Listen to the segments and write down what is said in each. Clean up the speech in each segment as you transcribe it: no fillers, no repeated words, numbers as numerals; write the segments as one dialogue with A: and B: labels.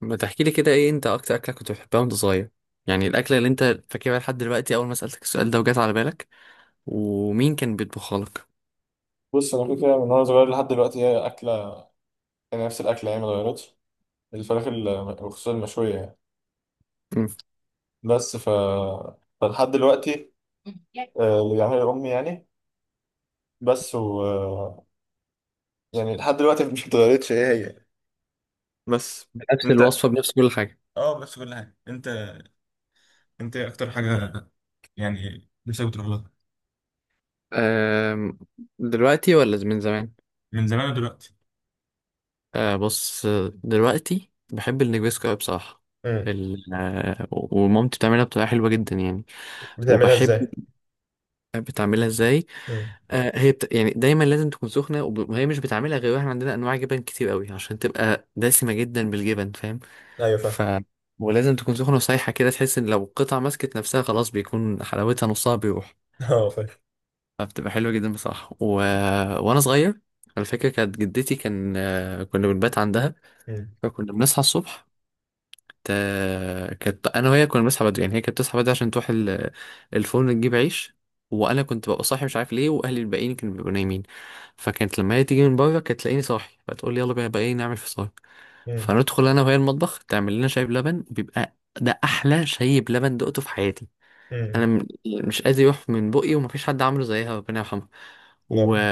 A: ما تحكي لي كده، ايه انت اكتر اكله كنت بتحبها وانت صغير؟ يعني الاكله اللي انت فاكرها لحد دلوقتي اول ما سالتك السؤال ده وجات على بالك؟ ومين كان بيطبخها لك؟
B: بص، انا كده كده من وانا صغير لحد دلوقتي هي اكله. يعني نفس الاكله، يعني ما اتغيرتش. الفراخ، وخصوصا المشويه يعني.
A: مم.
B: بس، فلحد دلوقتي، اللي بيعملها امي يعني. بس و آه، يعني لحد دلوقتي مش اتغيرتش، هي. بس.
A: بنفس
B: انت
A: الوصفه، بنفس كل حاجه؟
B: اه بس كل حاجه. انت إيه اكتر حاجه يعني نفسك بتروح لها؟
A: أم، دلوقتي ولا من زمان؟
B: من زمان ودلوقتي.
A: أه بص، دلوقتي بحب النجريسكو أوي بصراحه.
B: امم.
A: ال... آه، ومامتي بتعملها بطريقه حلوه جدا يعني.
B: بتعملها
A: وبحب.
B: ازاي؟
A: بتعملها ازاي؟
B: امم.
A: يعني دايما لازم تكون سخنه وهي مش بتعملها غير احنا عندنا انواع جبن كتير قوي عشان تبقى دسمه جدا بالجبن، فاهم؟
B: ايوه فاهم.
A: ف ولازم تكون سخنة وسايحة كده، تحس ان لو القطعة مسكت نفسها خلاص بيكون حلاوتها نصها بيروح.
B: اه فاهم.
A: فبتبقى حلوة جدا بصراحة و... وانا صغير على فكرة كانت جدتي، كان آه، كنا بنبات عندها.
B: امم.
A: فكنا بنصحى الصبح. كانت انا وهي كنا بنصحى بدري، يعني هي كانت بتصحى بدري عشان تروح الفرن تجيب عيش، وانا كنت ببقى صاحي مش عارف ليه، واهلي الباقيين كانوا بيبقوا نايمين. فكانت لما هي تيجي من بره كانت تلاقيني صاحي فتقول لي يلا بقى بقى ايه نعمل فطار.
B: امم.
A: فندخل انا وهي المطبخ تعمل لنا شاي بلبن، بيبقى ده احلى شاي بلبن دقته في حياتي. انا
B: امم.
A: مش قادر يروح من بقي، ومفيش حد عامله زيها، ربنا يرحمها. و...
B: لا.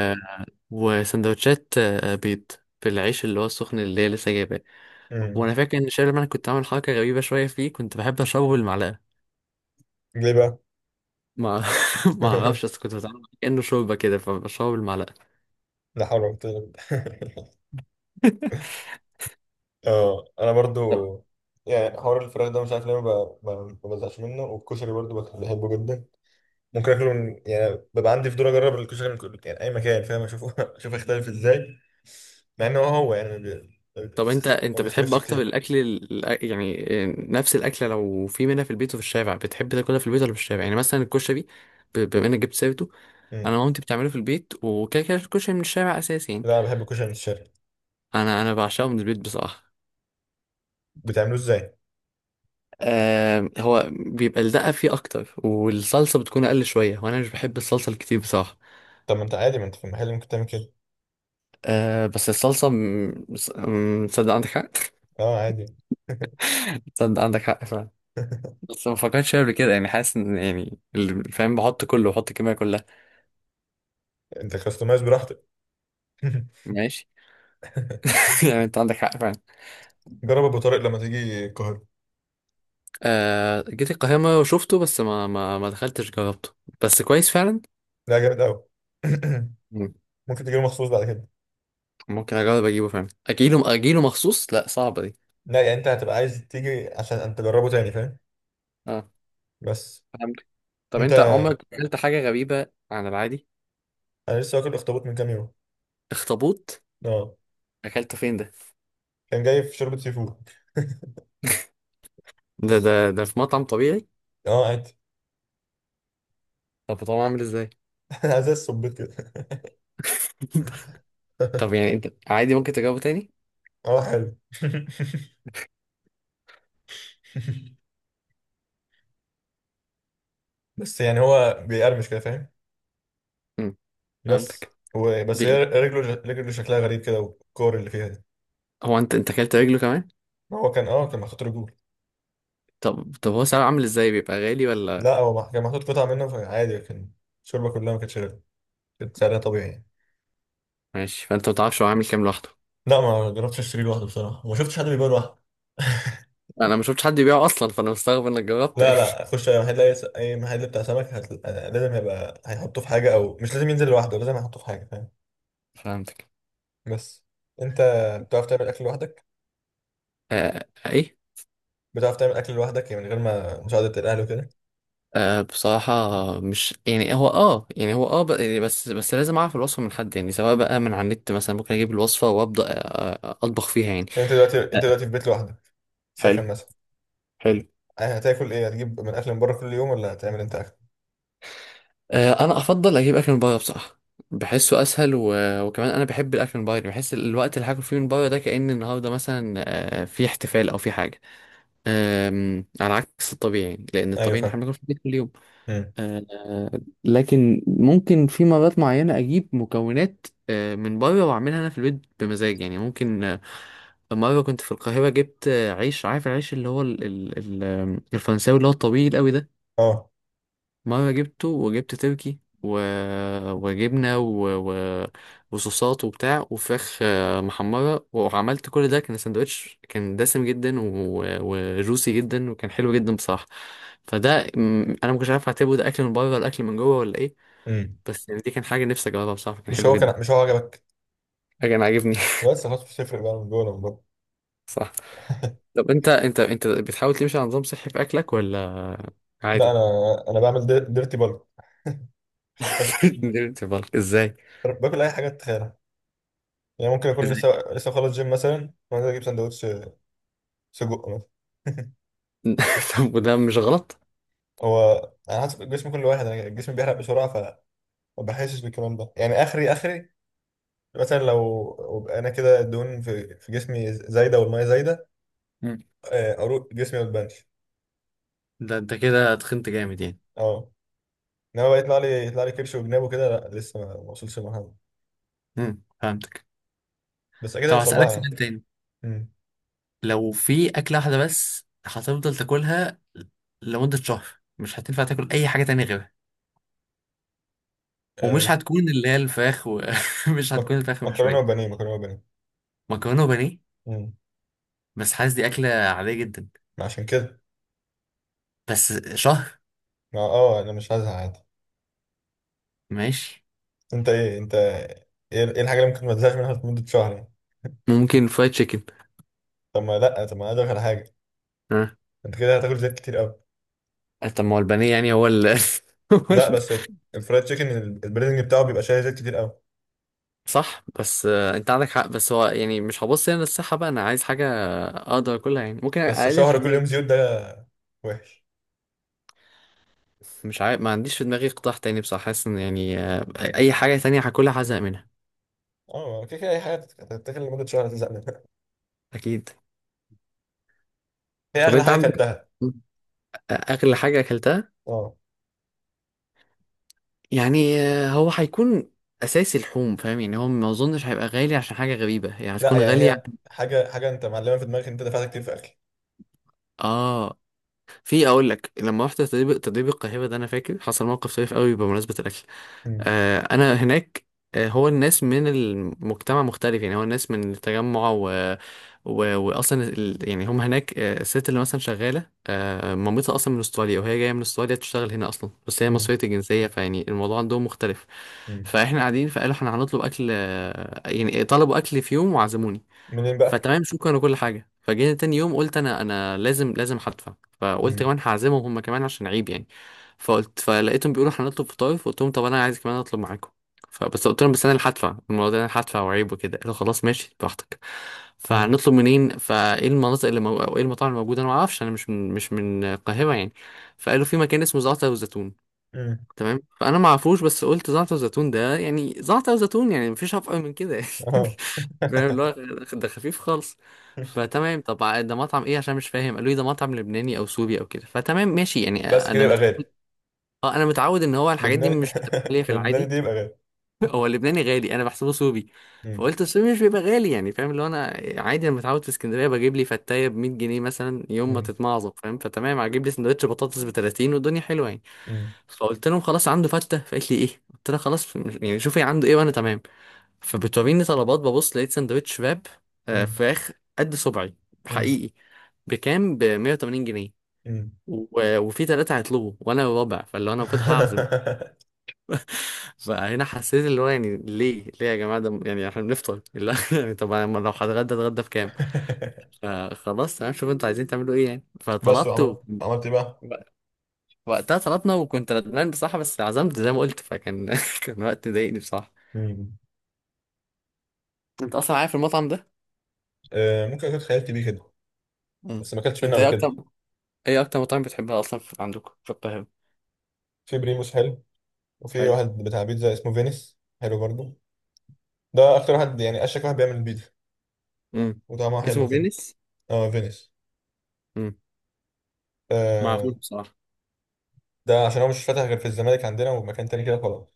A: وسندوتشات بيض في العيش اللي هو السخن اللي هي لسه جايباه.
B: امم.
A: وانا فاكر ان شاي لما كنت عامل حركه غريبه شويه فيه، كنت بحب اشربه بالمعلقه.
B: ليه بقى؟
A: ما ما اعرفش، بس كنت بتعامل معاه كانه شوربه كده فبشربه بالمعلقه.
B: لا حول ولا قوه إلا بالله. اه انا برضو
A: طب.
B: يعني حوار الفراخ ده مش عارف ليه ما ب- ما- ما بزهقش منه، والكشري برضو بحبه جدا. ممكن اكله من يعني ببقى عندي فضول اجرب الكشري من كل يعني اي مكان، فاهم، اشوفه اشوف يختلف ازاي. مع انه هو هو يعني
A: طب انت
B: ما
A: انت بتحب
B: بيختلفش
A: اكتر
B: كتير.
A: الاكل يعني نفس الاكله، لو في منها في البيت وفي الشارع بتحب تاكلها في البيت ولا في الشارع؟ يعني مثلا الكشري، بما انك جبت سيرته. انا
B: مم.
A: مامتي بتعمله في البيت، وكده كده الكشري من الشارع اساسي يعني.
B: لا انا بحب الكشري من الشرق.
A: انا بعشقه من البيت بصراحه.
B: بتعملوه ازاي؟
A: آه، هو بيبقى الدقه فيه اكتر والصلصه بتكون اقل شويه، وانا مش بحب الصلصه الكتير بصراحه.
B: طب ما انت عادي، ما انت في المحل ممكن تعمل كده.
A: أه، بس الصلصة تصدق عندك حق.
B: اه عادي.
A: تصدق عندك حق فعلا. بس ما فكرتش فيها قبل كده، يعني حاسس ان يعني اللي فاهم بحط كله، بحط الكمية كلها.
B: انت كاستمايز براحتك.
A: ماشي. يعني انت عندك حق فعلا.
B: جرب ابو طارق لما تيجي القاهره.
A: أه جيت القاهرة مرة وشفته، بس ما دخلتش جربته. بس كويس فعلا.
B: لا جامد قوي.
A: مم.
B: ممكن تجيله مخصوص بعد كده.
A: ممكن اجرب اجيبه فعلا، اجيله اجيله مخصوص، لا صعبة دي.
B: لا، يعني انت هتبقى عايز تيجي عشان انت تجربه تاني فاهم.
A: اه
B: بس.
A: فهمت. طب
B: انت
A: انت عمرك اكلت حاجة غريبة عن العادي؟
B: انا لسه واكل اخطبوط من كام يوم.
A: اخطبوط؟
B: اه
A: اكلته فين ده؟
B: كان جاي في شوربه سي فود.
A: ده في مطعم طبيعي؟
B: اه عادي.
A: طب طبعا عامل ازاي؟
B: زي الصبيط كده.
A: طب يعني انت عادي ممكن تجاوبه تاني؟
B: اه حلو. بس يعني هو بيقرمش كده فاهم.
A: امم،
B: بس.
A: فهمتك.
B: هو بس هي
A: بي...
B: رجله شكلها غريب كده، والكور اللي فيها دي.
A: هو انت اكلت رجله كمان؟
B: ما هو كان اه كان محطوط رجول.
A: طب هو سعره عامل ازاي، بيبقى غالي ولا؟
B: لا هو كان محطوط قطع منه فعادي كان. الشوربه كلها ما كانتش غير. كانت سعرها طبيعي يعني.
A: ماشي. فانت ما تعرفش هو عامل كام لوحده؟
B: لا ما جربتش اشتري لوحده بصراحه، وما شفتش حد بيبيع لوحده.
A: انا ما شفتش حد يبيعه اصلا، فانا مستغرب انك جربت.
B: لا لا خش اي محل، أي محل بتاع سمك لازم يبقى هيحطه في حاجه، او مش لازم ينزل لوحده، لازم يحطه في حاجه فاهم.
A: فهمتك.
B: بس. انت، بتعرف تعمل اكل لوحدك
A: آه... ايه.
B: بتعرف تعمل اكل لوحدك يعني من غير ما مساعده الاهل وكده؟
A: آه بصراحة، مش يعني هو اه يعني هو يعني بس لازم اعرف الوصفة من حد، يعني سواء بقى من على النت مثلا ممكن اجيب الوصفة وابدا اطبخ فيها يعني.
B: يعني انت دلوقتي،
A: آه،
B: في بيت لوحدك،
A: حلو.
B: سكن مثلا؟
A: حلو.
B: هتاكل ايه؟ هتجيب من اكل من بره كل يوم ولا هتعمل انت اكل؟
A: انا افضل اجيب اكل من بره بصراحه، بحسه اسهل و... وكمان انا بحب الاكل من بره، يعني بحس الوقت اللي هاكل فيه من بره ده كأن النهارده مثلا في احتفال او في حاجه، على عكس الطبيعي، لان
B: ايوه
A: الطبيعي إن
B: فاهم.
A: احنا بناكل في البيت كل يوم.
B: امم.
A: لكن ممكن في مرات معينه اجيب مكونات من بره واعملها انا في البيت بمزاج، يعني ممكن. مره كنت في القاهره، جبت عيش، عارف العيش اللي هو الفرنساوي اللي هو الطويل قوي ده؟
B: اه.
A: مرة جبته، وجبت تركي و... وجبنة و... و... وصوصات وبتاع وفراخ محمرة، وعملت كل ده، كان سندوتش كان دسم جدا و... وجوسي جدا، وكان حلو جدا بصراحة. فده م، أنا مكنتش عارف أعتبره ده أكل من بره ولا أكل من جوه ولا إيه.
B: امم.
A: بس يعني دي كان حاجة نفسي أجربها بصراحة، كان
B: مش
A: حلو
B: هو
A: جدا.
B: كان، مش هو عجبك؟
A: كان عاجبني.
B: بس خلاص مش هتفرق بقى من جوه ولا من بره.
A: صح. طب أنت بتحاول تمشي على نظام صحي في أكلك ولا
B: لا
A: عادي؟
B: انا، بعمل ديرتي بالك، باكل،
A: نمت بالك إزاي؟
B: باكل اي حاجه تتخيلها. يعني ممكن اكون
A: إزاي؟
B: لسه خلص جيم مثلا وانزل اجيب سندوتش سجق مثلا.
A: طب وده مش غلط؟
B: هو على حسب الجسم كل واحد. انا الجسم بيحرق بسرعه، فما بحسش بالكلام ده يعني، اخري مثلا لو، وبقى انا كده الدهون في جسمي زايده والميه زايده. اروق جسمي ما تبانش.
A: ده انت كده تخنت جامد يعني.
B: اه انما بقى يطلع لي، كرش وجناب وكده، لا لسه ما وصلش المرحله دي.
A: امم، فهمتك.
B: بس اكيد
A: طب
B: هوصل
A: هسألك
B: لها يعني.
A: سؤال تاني.
B: امم.
A: لو في أكلة واحدة بس هتفضل تاكلها لمدة شهر، مش هتنفع تاكل أي حاجة تانية غيرها،
B: آه،
A: ومش
B: مك-
A: هتكون اللي هي الفراخ، ومش هتكون
B: مك-
A: الفراخ من
B: مكرونه
A: شوية؟
B: وبانيه. مكرونه وبانيه.
A: مكرونة وبانيه؟
B: امم.
A: بس حاسس دي أكلة عادية جدا.
B: عشان كده،
A: بس شهر.
B: اه انا مش هزهق.
A: ماشي.
B: انت ايه ايه الحاجه اللي ممكن ما تزهقش منها لمده شهر يعني؟
A: ممكن فرايد تشيكن.
B: طب ما لا، طب ما أنا ادخل على حاجه،
A: ها؟
B: انت كده هتاكل زيت كتير قوي.
A: طب ما هو البانيه يعني هو ال. هو
B: لا بس الفرايد تشيكن البريدنج بتاعه بيبقى شايل زيت كتير قوي.
A: صح، بس انت عندك حق، بس هو يعني مش هبص هنا للصحة بقى، انا عايز حاجة اقدر اكلها، يعني ممكن
B: بس
A: اقلل
B: شهر كل يوم
A: الكمية.
B: زيوت ده وحش.
A: مش عارف، ما عنديش في دماغي قطاع تاني بصراحة، حاسس ان يعني اي حاجة تانية هاكلها هزهق منها
B: اه كده كده اي حاجه هتتاكل لمده شهر هتزهق منها.
A: اكيد.
B: هي
A: طب
B: اغلى
A: انت
B: حاجه
A: عندك
B: اكلتها؟
A: اغلى حاجة اكلتها،
B: اه.
A: يعني هو هيكون اساسي لحوم، فاهم؟ يعني هو ما اظنش هيبقى غالي عشان حاجة غريبة، يعني
B: لا
A: هتكون
B: يعني
A: غالية.
B: هي حاجه، انت معلمه في دماغك انت دفعت كتير في اكل.
A: اه في اقول لك، لما رحت تدريب القاهره ده، انا فاكر حصل موقف طريف قوي بمناسبه الاكل.
B: مم.
A: آه انا هناك، آه هو الناس من المجتمع مختلف، يعني هو الناس من التجمع و... و... يعني هم هناك آه الست اللي مثلا شغاله آه مامتها اصلا من استراليا، وهي جايه من استراليا تشتغل هنا اصلا، بس هي
B: مم.
A: مصريه الجنسيه، فيعني الموضوع عندهم مختلف.
B: مم.
A: فاحنا قاعدين، فقالوا احنا هنطلب اكل آه، يعني طلبوا اكل في يوم وعزموني.
B: منين بقى؟
A: فتمام شكرا وكل حاجه. فجينا تاني يوم، قلت انا انا لازم هدفع، فقلت
B: مم.
A: كمان هعزمهم هم كمان عشان عيب يعني. فقلت فلقيتهم بيقولوا هنطلب فطاير، فقلت لهم طب انا عايز كمان اطلب معاكم، فبس قلت لهم بس انا اللي هدفع، الموضوع ده انا اللي هدفع وعيب وكده. قالوا خلاص ماشي براحتك.
B: مم.
A: فهنطلب منين؟ فايه المناطق اللي مو... او ايه المطاعم الموجوده؟ انا ما اعرفش، انا مش من القاهره يعني. فقالوا في مكان اسمه زعتر وزيتون.
B: مم.
A: تمام فانا ما اعرفوش، بس قلت زعتر زيتون ده يعني زعتر زيتون، يعني مفيش افقر من كده يعني،
B: اه.
A: فاهم؟ اللي هو ده خفيف خالص. فتمام، طب ده مطعم ايه عشان مش فاهم؟ قالوا لي ده مطعم لبناني او سوري او كده. فتمام ماشي يعني
B: بس كده
A: انا
B: يبقى
A: متعود.
B: غالي.
A: اه انا متعود ان هو الحاجات دي
B: لبناني.
A: مش بتبقى غاليه في
B: لبناني
A: العادي.
B: دي يبقى غالي.
A: هو اللبناني غالي، انا بحسبه سوري. فقلت السوري مش بيبقى غالي يعني، فاهم؟ اللي هو انا عادي، انا متعود في اسكندريه بجيب لي فتايه ب 100 جنيه مثلا يوم ما
B: مم.
A: تتمعظم، فاهم؟ فتمام هجيب لي سندوتش بطاطس ب 30 والدنيا حلوه يعني.
B: مم.
A: فقلت لهم خلاص عنده فتة. فقالت لي ايه، قلت لها خلاص يعني شوفي عنده ايه وانا تمام. فبتوريني طلبات، ببص لقيت سندوتش شباب
B: مم.
A: فراخ قد صبعي
B: مم.
A: حقيقي بكام، ب 180 جنيه.
B: مم.
A: وفي ثلاثة هيطلبوا وانا الرابع، فاللي هو انا المفروض هعزم. فهنا حسيت اللي هو، يعني ليه ليه يا جماعة ده، يعني احنا بنفطر اللي هو يعني، طب أنا لو هتغدى اتغدى بكام. فخلاص تمام، شوف انتوا عايزين تعملوا ايه يعني.
B: بس
A: فطلبت
B: وعملت، عملت ايه بقى؟
A: وقتها، طلبنا وكنت ندمان بصراحة، بس عزمت زي ما قلت، فكان كان وقت مضايقني بصراحة.
B: مم.
A: انت اصلا عارف المطعم ده؟
B: آه ممكن اكون خيالت بيه كده،
A: مم.
B: بس ما اكلتش منه
A: انت
B: قبل
A: ايه اكتر،
B: كده.
A: ايه اكتر مطعم بتحبها اصلا في... عندكم في القاهرة؟
B: في بريموس حلو. وفي
A: حلو.
B: واحد بتاع بيتزا اسمه فينيس، حلو برضه. ده اكتر واحد يعني اشك واحد بيعمل البيتزا
A: مم.
B: وطعمها حلو
A: اسمه
B: كده.
A: فينيس.
B: اه فينيس.
A: مم. ما اعرفوش
B: آه.
A: بصراحة.
B: ده عشان هو مش فاتح غير في الزمالك عندنا ومكان تاني كده، خلاص.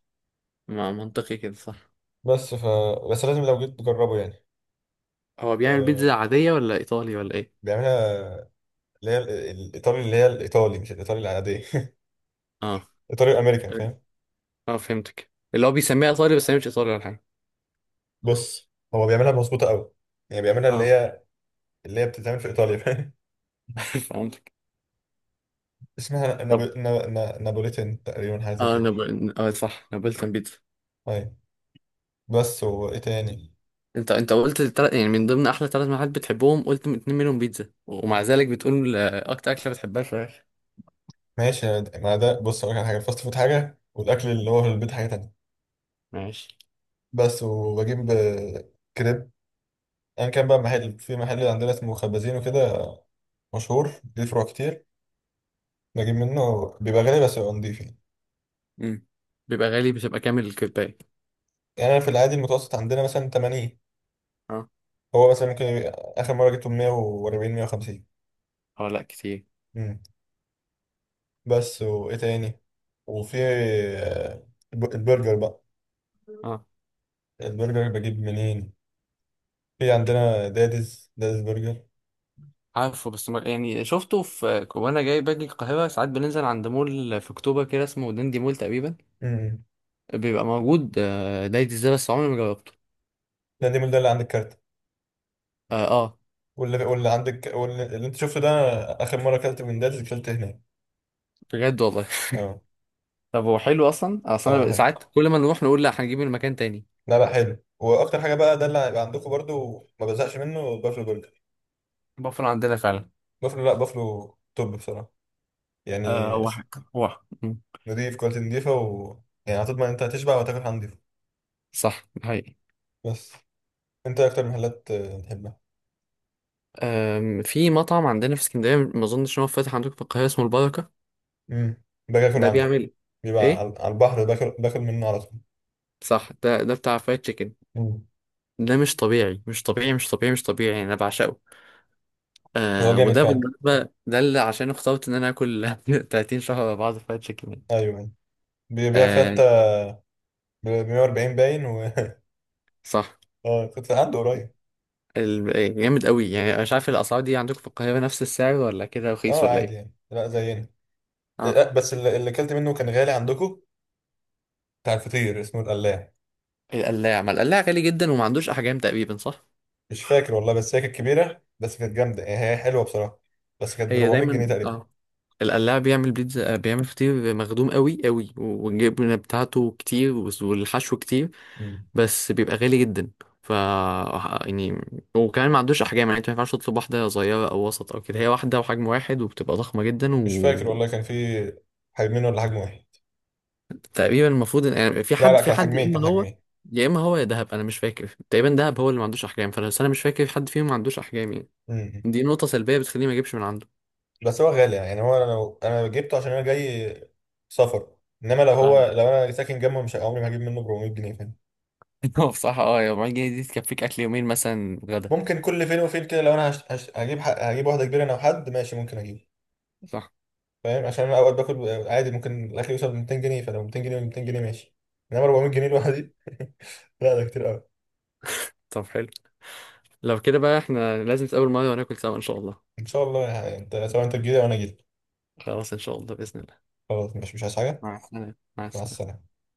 A: ما منطقي كده، صح.
B: بس ف. بس لازم لو جيت تجربه يعني.
A: هو بيعمل بيتزا
B: آه
A: عادية ولا ايطالي ولا ايه؟
B: بيعملها اللي هي الايطالي، اللي هي الايطالي مش الايطالي العاديه.
A: اه.
B: الايطالي الامريكان فاهم.
A: اه فهمتك، اللي هو بيسميها ايطالي بس هي مش ايطالي ولا حاجة.
B: بص هو بيعملها مظبوطه قوي، يعني بيعملها اللي
A: اه.
B: هي، بتتعمل في ايطاليا فاهم.
A: فهمتك.
B: اسمها
A: طب
B: نابوليتن تقريبا، حاجه زي
A: اه
B: كده.
A: اه صح نابلتان بيتزا.
B: طيب. بس وايه تاني؟
A: انت قلت التلات، يعني من ضمن احلى ثلاث محلات بتحبهم قلت من اتنين منهم بيتزا، ومع ذلك بتقول اكتر اكله بتحبها فراخ.
B: ماشي يا ما ده بص اقول لك على حاجه، الفاست فود حاجه والاكل اللي هو في البيت حاجه تانية.
A: ماشي.
B: بس. وبجيب كريب ايا كان بقى. محل، في محل عندنا اسمه خبازين وكده، مشهور ليه فروع كتير. بجيب منه، بيبقى غالي بس بيبقى نضيف يعني.
A: امم. بيبقى غالي بتبقى كامل الكباية.
B: يعني انا في العادي المتوسط عندنا مثلا 80.
A: اه.
B: هو مثلا ممكن اخر مره جبته 140 150.
A: اه لا كتير.
B: بس وايه تاني؟ وفي البرجر بقى.
A: اه
B: البرجر بجيب منين؟ في عندنا داديز، برجر.
A: عارفه، بس ما يعني شفته، في وانا جاي باجي القاهرة ساعات بننزل عند مول في اكتوبر كده اسمه دندي مول تقريبا.
B: امم.
A: بيبقى موجود دايت ازاي، بس عمري ما جربته.
B: ده دي من ده اللي عند الكارت،
A: اه. اه.
B: واللي عندك، اللي انت شفته ده. اخر مره اكلت من داديز اكلت هناك.
A: بجد والله.
B: اه
A: طب هو حلو اصلا؟ اصلا
B: اه
A: انا
B: حلو.
A: ساعات كل ما نروح نقول لا هنجيب من مكان تاني.
B: لا لا حلو، واكتر حاجه بقى ده اللي هيبقى عندكم برضو ما بزهقش منه بافلو برجر.
A: بفر عندنا فعلا.
B: بافلو، لا بافلو توب بصراحه
A: آه
B: يعني.
A: واحد واحد
B: نضيف، كواليتي نضيفه. و، يعني هتضمن انت هتشبع وتاكل حاجه نضيفه.
A: صح ده حقيقي.
B: بس. انت إيه اكتر محلات تحبها؟
A: في مطعم عندنا في اسكندرية ما اظنش ان هو فاتح عندكم في القاهرة، اسمه البركة.
B: امم. باجي اكل
A: ده
B: عنده.
A: بيعمل
B: بيبقى
A: ايه؟
B: على البحر، باكل، منه على طول.
A: صح، ده بتاع فرايد تشيكن.
B: مم.
A: ده مش طبيعي، مش طبيعي يعني انا بعشقه.
B: هو
A: آه
B: جامد
A: وده
B: فعلا.
A: بالمناسبة ده اللي عشان اخترت ان انا اكل 30 شهر ورا بعض فرايد تشيكن.
B: ايوه أيوة. بيبيع
A: آه.
B: فتة ب 140 باين و.
A: صح.
B: اه كنت عنده قريب.
A: ال- إيه، جامد قوي يعني. انا مش عارف الاسعار دي عندكم في القاهرة نفس السعر ولا كده رخيص
B: اه
A: ولا
B: عادي
A: ايه؟
B: يعني، لا زينا. إيه،
A: اه.
B: لا بس اللي، اكلت منه كان غالي عندكم. بتاع الفطير اسمه القلاع.
A: القلاع؟ ما القلاع غالي جدا وما عندوش احجام تقريبا، صح.
B: مش فاكر والله بس هي كانت كبيرة، بس كانت جامدة يعني، هي حلوة بصراحة. بس كانت ب
A: هي
B: 400
A: دايما
B: جنيه تقريبا.
A: اه القلاع بيعمل بيتزا، بيعمل فطير مخدوم قوي قوي، والجبنة بتاعته كتير والحشو كتير،
B: مم.
A: بس بيبقى غالي جدا. ف يعني، وكمان ما عندوش احجام، يعني انت ما ينفعش تطلب واحده صغيره او وسط او كده، هي واحده وحجم واحد وبتبقى ضخمه جدا،
B: مش فاكر
A: وتقريبا
B: والله كان في حجمين ولا حجم واحد.
A: المفروض يعني في
B: لا لا
A: حد في
B: كان
A: حد يا
B: حجمين،
A: اما
B: كان
A: هو،
B: حجمين.
A: يا اما هو يا دهب، انا مش فاكر، تقريبا دهب هو اللي ما عندوش احجام، فانا بس أنا مش فاكر حد فيهم ما عندوش احجام يعني.
B: امم.
A: دي نقطه سلبيه بتخليني ما اجيبش من عنده.
B: بس هو غالي يعني. هو انا لو انا جبته عشان انا جاي سفر، انما لو هو،
A: فاهمك.
B: لو انا ساكن جنبه مش عمري ما هجيب منه 400 جنيه فاهم.
A: هو بصراحة اه، يا 400 جنيه دي تكفيك أكل يومين مثلا، غدا.
B: ممكن كل فين وفين كده، لو انا هجيب واحده كبيره انا وحد ماشي ممكن اجيبه.
A: صح.
B: فاهم عشان انا اوقات باكل عادي ممكن الاكل يوصل ل 200 جنيه، فلو 200 جنيه، 200 جنيه ماشي. انما 400 جنيه لوحدي، لا ده كتير قوي.
A: طب حلو، لو كده بقى احنا لازم نتقابل مرة وناكل سوا إن شاء الله.
B: ان شاء الله يعني انت سواء انت تجيلي او انا اجيلك.
A: خلاص إن شاء الله بإذن الله.
B: خلاص مش عايز حاجه.
A: مع السلامة، مع
B: مع
A: السلامة.
B: السلامه.